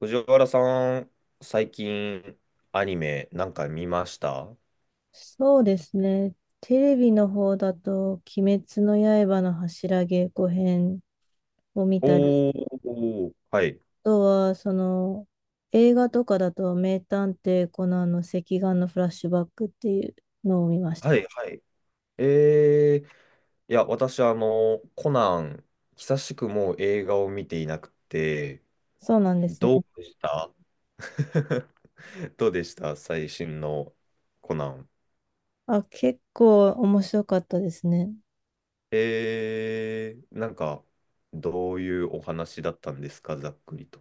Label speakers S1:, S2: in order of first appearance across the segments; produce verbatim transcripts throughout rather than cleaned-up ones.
S1: 藤原さん、最近アニメなんか見ました
S2: そうですね。テレビの方だと、鬼滅の刃の柱稽古編を見たり、
S1: お
S2: あ
S1: ー、はい。
S2: とは、その、映画とかだと、名探偵コナンの赤眼のフラッシュバックっていうのを見ました。
S1: はい、はい。えー、いや、私、あの、コナン、久しくもう映画を見ていなくて。
S2: そうなんですね。
S1: どうでした？ どうでした、最新のコナン？
S2: あ、結構面白かったですね。
S1: えー、なんか、どういうお話だったんですか、ざっくりと。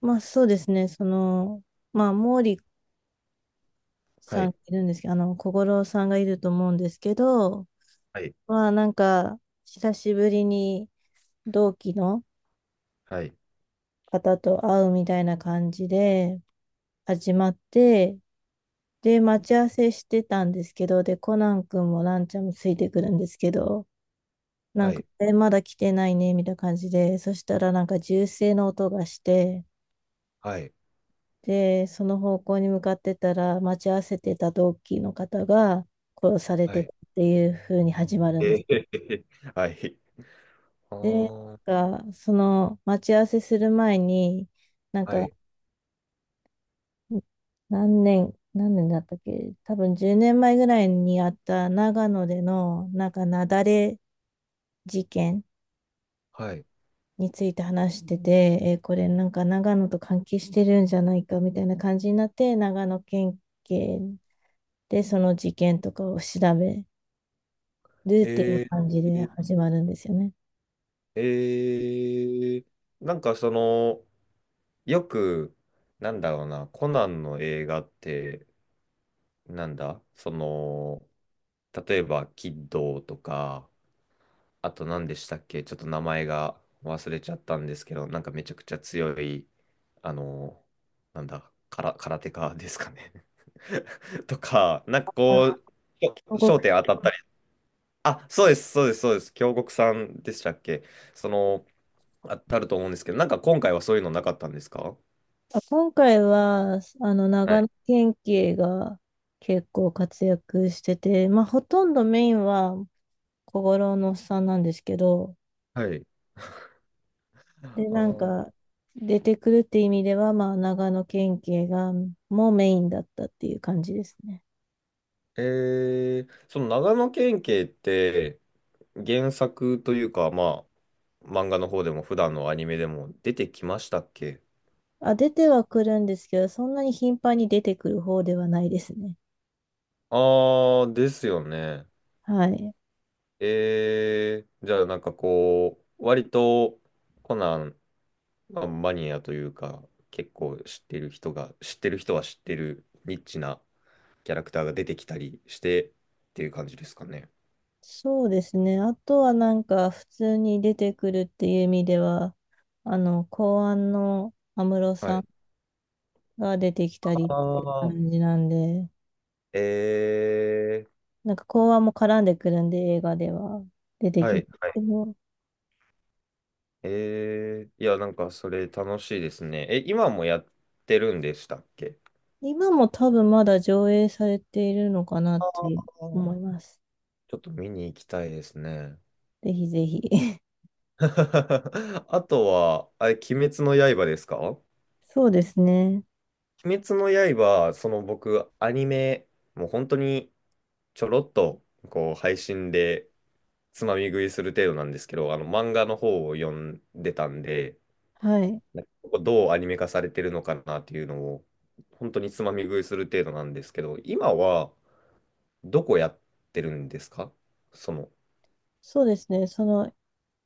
S2: まあそうですね。その、まあ、毛利
S1: は
S2: さん
S1: い、
S2: がいるんですけど、あの、小五郎さんがいると思うんですけど、
S1: はい、
S2: まあなんか、久しぶりに同期の、
S1: はい、
S2: 方と会うみたいな感じで始まって、で、待ち合わせしてたんですけど、で、コナン君もランちゃんもついてくるんですけど、な
S1: は
S2: んか、
S1: い、
S2: え、まだ来てないね、みたいな感じで、そしたらなんか銃声の音がして、
S1: はい、
S2: で、その方向に向かってたら、待ち合わせてた同期の方が殺され
S1: は
S2: て
S1: い。
S2: たっていう風に始まるんです。
S1: えー、はい。あ
S2: で、
S1: あ、
S2: なんか、その待ち合わせする前に、なん
S1: は
S2: か、
S1: い、
S2: ん何年、何年だったっけ多分じゅうねんまえぐらいにあった長野での、なんか雪崩事件
S1: はい。
S2: について話してて、えーこれなんか長野と関係してるんじゃないかみたいな感じになって、長野県警でその事件とかを調べるっていう
S1: え
S2: 感じで
S1: ー、
S2: 始まるんですよね。
S1: えー、なんかその、よく、なんだろうな、コナンの映画って、なんだ、その、例えば、キッドーとか、あと何でしたっけ、ちょっと名前が忘れちゃったんですけど、なんかめちゃくちゃ強い、あの、なんだ、から、空手家ですかね とか、なんか
S2: あ
S1: こう、
S2: ご
S1: 焦焦
S2: く
S1: 点当たったり。あ、そうです、そうです、そうです。京極さんでしたっけ？その、あたると思うんですけど、なんか今回はそういうのなかったんですか？
S2: あ、今回は、あの、
S1: は
S2: 長
S1: い、
S2: 野県警が結構活躍してて、まあ、ほとんどメインは小五郎のおっさんなんですけど、
S1: はい。あ
S2: で、なん
S1: ー、
S2: か、出てくるって意味では、まあ、長野県警が、もうメインだったっていう感じですね。
S1: えー、その長野県警って原作というか、まあ、漫画の方でも普段のアニメでも出てきましたっけ？
S2: あ、出てはくるんですけど、そんなに頻繁に出てくる方ではないですね。
S1: あー、ですよね。
S2: はい。
S1: えー、じゃあなんかこう、割とコナン、まあマニアというか、結構知ってる人が、知ってる人は知ってるニッチなキャラクターが出てきたりしてっていう感じですかね。
S2: そうですね。あとはなんか、普通に出てくるっていう意味では、あの、公安の安室
S1: は
S2: さ
S1: い。
S2: んが出てきたりって
S1: あ
S2: いう
S1: あ、
S2: 感じなんで、
S1: え
S2: なんか公安も絡んでくるんで、映画では出て
S1: ー、
S2: き
S1: は
S2: ます
S1: い、はい。
S2: けど。
S1: えー、いや、なんかそれ楽しいですね。え、今もやってるんでしたっけ？
S2: 今も多分まだ上映されているのかなっ
S1: あ
S2: て思
S1: ー、
S2: います。
S1: ちょっと見に行きたいですね。
S2: ぜひぜひ。
S1: あとは、あれ、鬼滅の刃ですか？
S2: そうですね。
S1: 鬼滅の刃、その僕、アニメ、もう本当にちょろっと、こう、配信でつまみ食いする程度なんですけど、あの、漫画の方を読んでたんで、
S2: はい。
S1: なんかここどうアニメ化されてるのかなっていうのを、本当につまみ食いする程度なんですけど、今はどこやってるんですか、その。
S2: そうですね。その、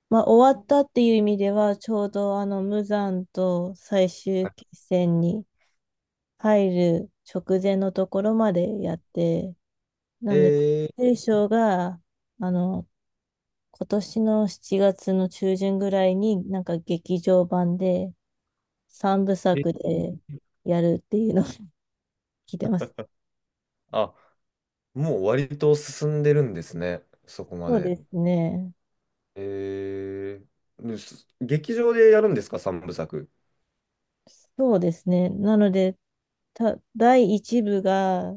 S2: まあ、終わったっていう意味では、ちょうどあの、無惨と最終決
S1: あ
S2: 戦に入る直前のところまでやって、なので、
S1: え
S2: 聖書が、あの、今年のしちがつの中旬ぐらいになんか劇場版で3部
S1: ー、
S2: 作
S1: え
S2: でやるっていうのを聞いてます。
S1: あ、もう割と進んでるんですね、そこま
S2: そうで
S1: で。
S2: すね。
S1: えー、です、劇場でやるんですか、三部作？
S2: そうですね。なので、た、だいいち部が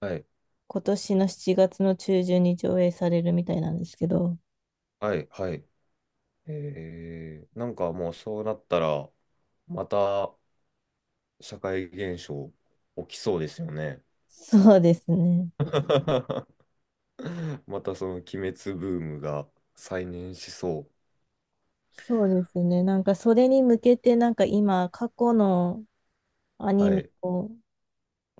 S1: はい、
S2: 今年のしちがつの中旬に上映されるみたいなんですけど、
S1: はい、はい。えー、なんかもうそうなったら、また社会現象起きそうですよね。
S2: そうですね。
S1: またその鬼滅ブームが再燃しそう。
S2: そうですね。なんかそれに向けて、なんか今、過去のアニ
S1: は
S2: メ
S1: い。
S2: を、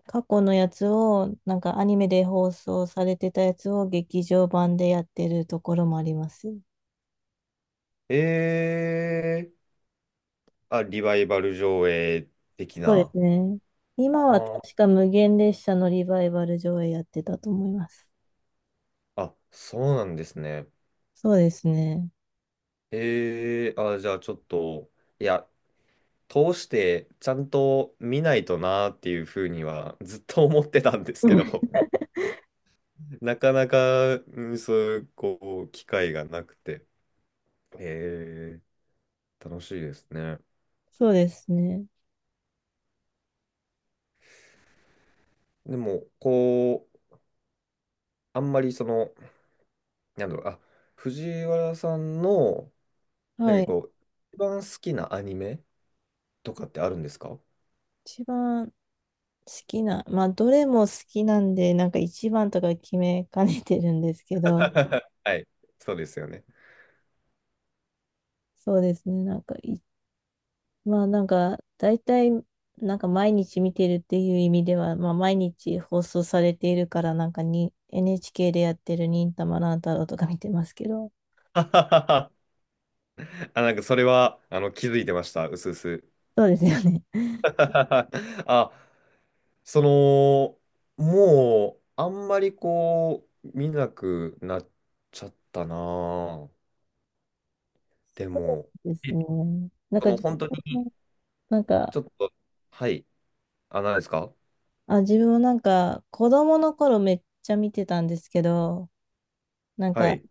S2: 過去のやつを、なんかアニメで放送されてたやつを劇場版でやってるところもあります。
S1: えー、あ、リバイバル上映的
S2: そうで
S1: な。
S2: すね。
S1: あ
S2: 今は
S1: ー、
S2: 確か無限列車のリバイバル上映やってたと思います。
S1: あそうなんですね。
S2: そうですね。
S1: えー、あ、じゃあちょっと、いや、通してちゃんと見ないとなーっていうふうにはずっと思ってたんです
S2: う
S1: けど、
S2: ん
S1: なかなか、うんそういう、こう、機会がなくて。えー、楽しいですね。
S2: そうですね。
S1: でも、こう、あんまりその、なんだろう、あ、藤原さんの、なん
S2: は
S1: か
S2: い。
S1: こう、一番好きなアニメとかってあるんですか？
S2: 一番好きな、まあ、どれも好きなんで、なんか一番とか決めかねてるんですけど、
S1: はい、そうですよね。
S2: そうですね。なんかい、まあ、なんか、大体、なんか毎日見てるっていう意味では、まあ、毎日放送されているから、なんかに、エヌエイチケー でやってる忍たま乱太郎とか見てますけど、
S1: あ、なんかそれは、あの、気づいてました、うすうす。
S2: そうですよね。
S1: あ、その、もう、あんまりこう、見なくなっちゃったなぁ。で も、
S2: です
S1: え
S2: ね。なん
S1: そ
S2: か、
S1: の、
S2: 自
S1: 本当
S2: 分
S1: に、
S2: もなんか、
S1: ちょっと、はい、あ、何ですか？
S2: あ、自分もなんか、子供の頃めっちゃ見てたんですけど、なん
S1: は
S2: か、
S1: い、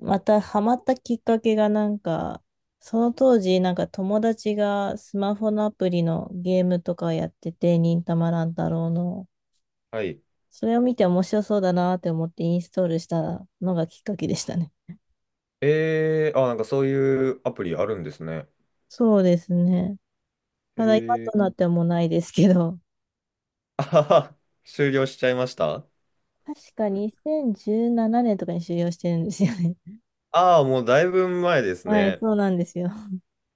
S2: またハマったきっかけがなんか、その当時なんか友達がスマホのアプリのゲームとかやってて、忍たま乱太郎の。
S1: はい。
S2: それを見て面白そうだなって思ってインストールしたのがきっかけでしたね。
S1: えー、あ、なんかそういうアプリあるんですね。
S2: そうですね。
S1: え
S2: ただ今とな
S1: ー、
S2: ってはもうないですけど、
S1: あはは、終了しちゃいました
S2: 確かにせんじゅうななねんとかに終了してるんですよね。
S1: ああ、もうだいぶ前です
S2: はい、
S1: ね。
S2: そうなんですよ。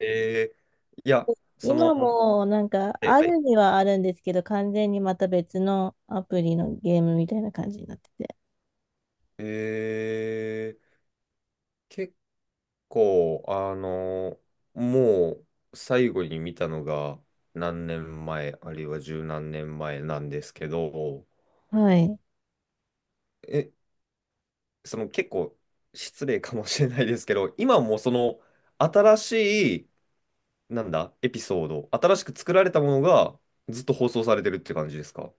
S1: えー、いや、その、は
S2: 今もなんか
S1: い、
S2: あ
S1: はい、
S2: るにはあるんですけど、完全にまた別のアプリのゲームみたいな感じになってて。
S1: えー、結構、あの、もう最後に見たのが何年前、あるいは十何年前なんですけど、
S2: はい。
S1: え、その結構失礼かもしれないですけど、今もその新しい、なんだ、エピソード、新しく作られたものがずっと放送されてるって感じですか？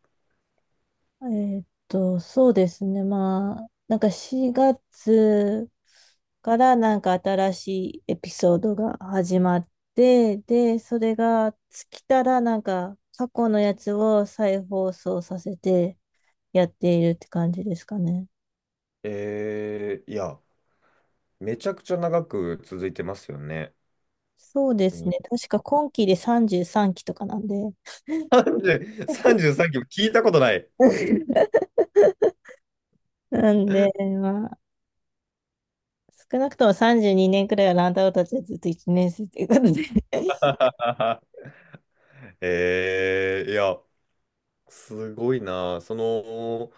S2: えーっと、そうですね。まあ、なんかしがつからなんか新しいエピソードが始まって、で、それが尽きたらなんか過去のやつを再放送させてやっているって感じですかね。
S1: えー、いや、めちゃくちゃ長く続いてますよね。
S2: そうです
S1: に
S2: ね。確か今期でさんじゅうさんきとかなんで。
S1: さんじゅう、 さんじゅうさんきも聞いたことない。
S2: なんで、まあ、少なくともさんじゅうにねんくらいはランタオたちはずっといちねん生ということで、
S1: あはえー、いや、すごいな。その、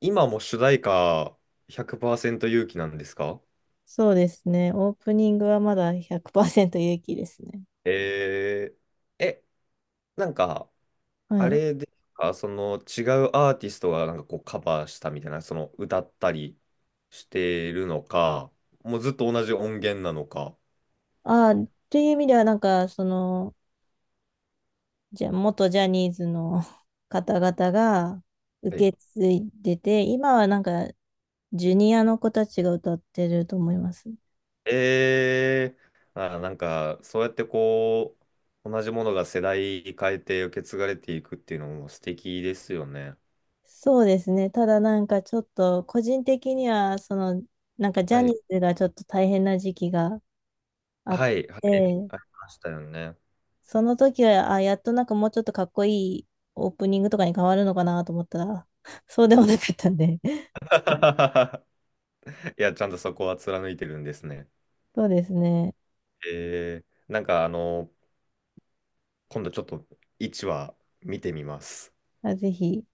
S1: 今も主題歌ひゃくパーセント勇気なんですか？
S2: そうですね。オープニングはまだひゃくパーセント勇気ですね。
S1: えー、え、なんか、
S2: は
S1: あ
S2: い。
S1: れですか、その違うアーティストがなんかこうカバーしたみたいな、その歌ったりしてるのか、もうずっと同じ音源なのか。
S2: ああ、という意味では、なんか、その、じゃ、元ジャニーズの 方々が
S1: はい、
S2: 受け継いでて、今はなんか、ジュニアの子たちが歌ってると思います。
S1: ええ、あー、なんか、そうやってこう、同じものが世代変えて受け継がれていくっていうのも素敵ですよね。
S2: そうですね。ただなんか、ちょっと、個人的には、その、なんか、ジャ
S1: は
S2: ニー
S1: い。
S2: ズがちょっと大変な時期があっ
S1: はい、はい、
S2: て、
S1: ありましたよね。
S2: その時は、あ、やっとなんかもうちょっとかっこいいオープニングとかに変わるのかなと思ったら、そうでもなかったんで。
S1: いや、ちゃんとそこは貫いてるんですね。
S2: そうですね。
S1: えー、なんかあの、今度ちょっといちわ見てみます。
S2: あ、ぜひ。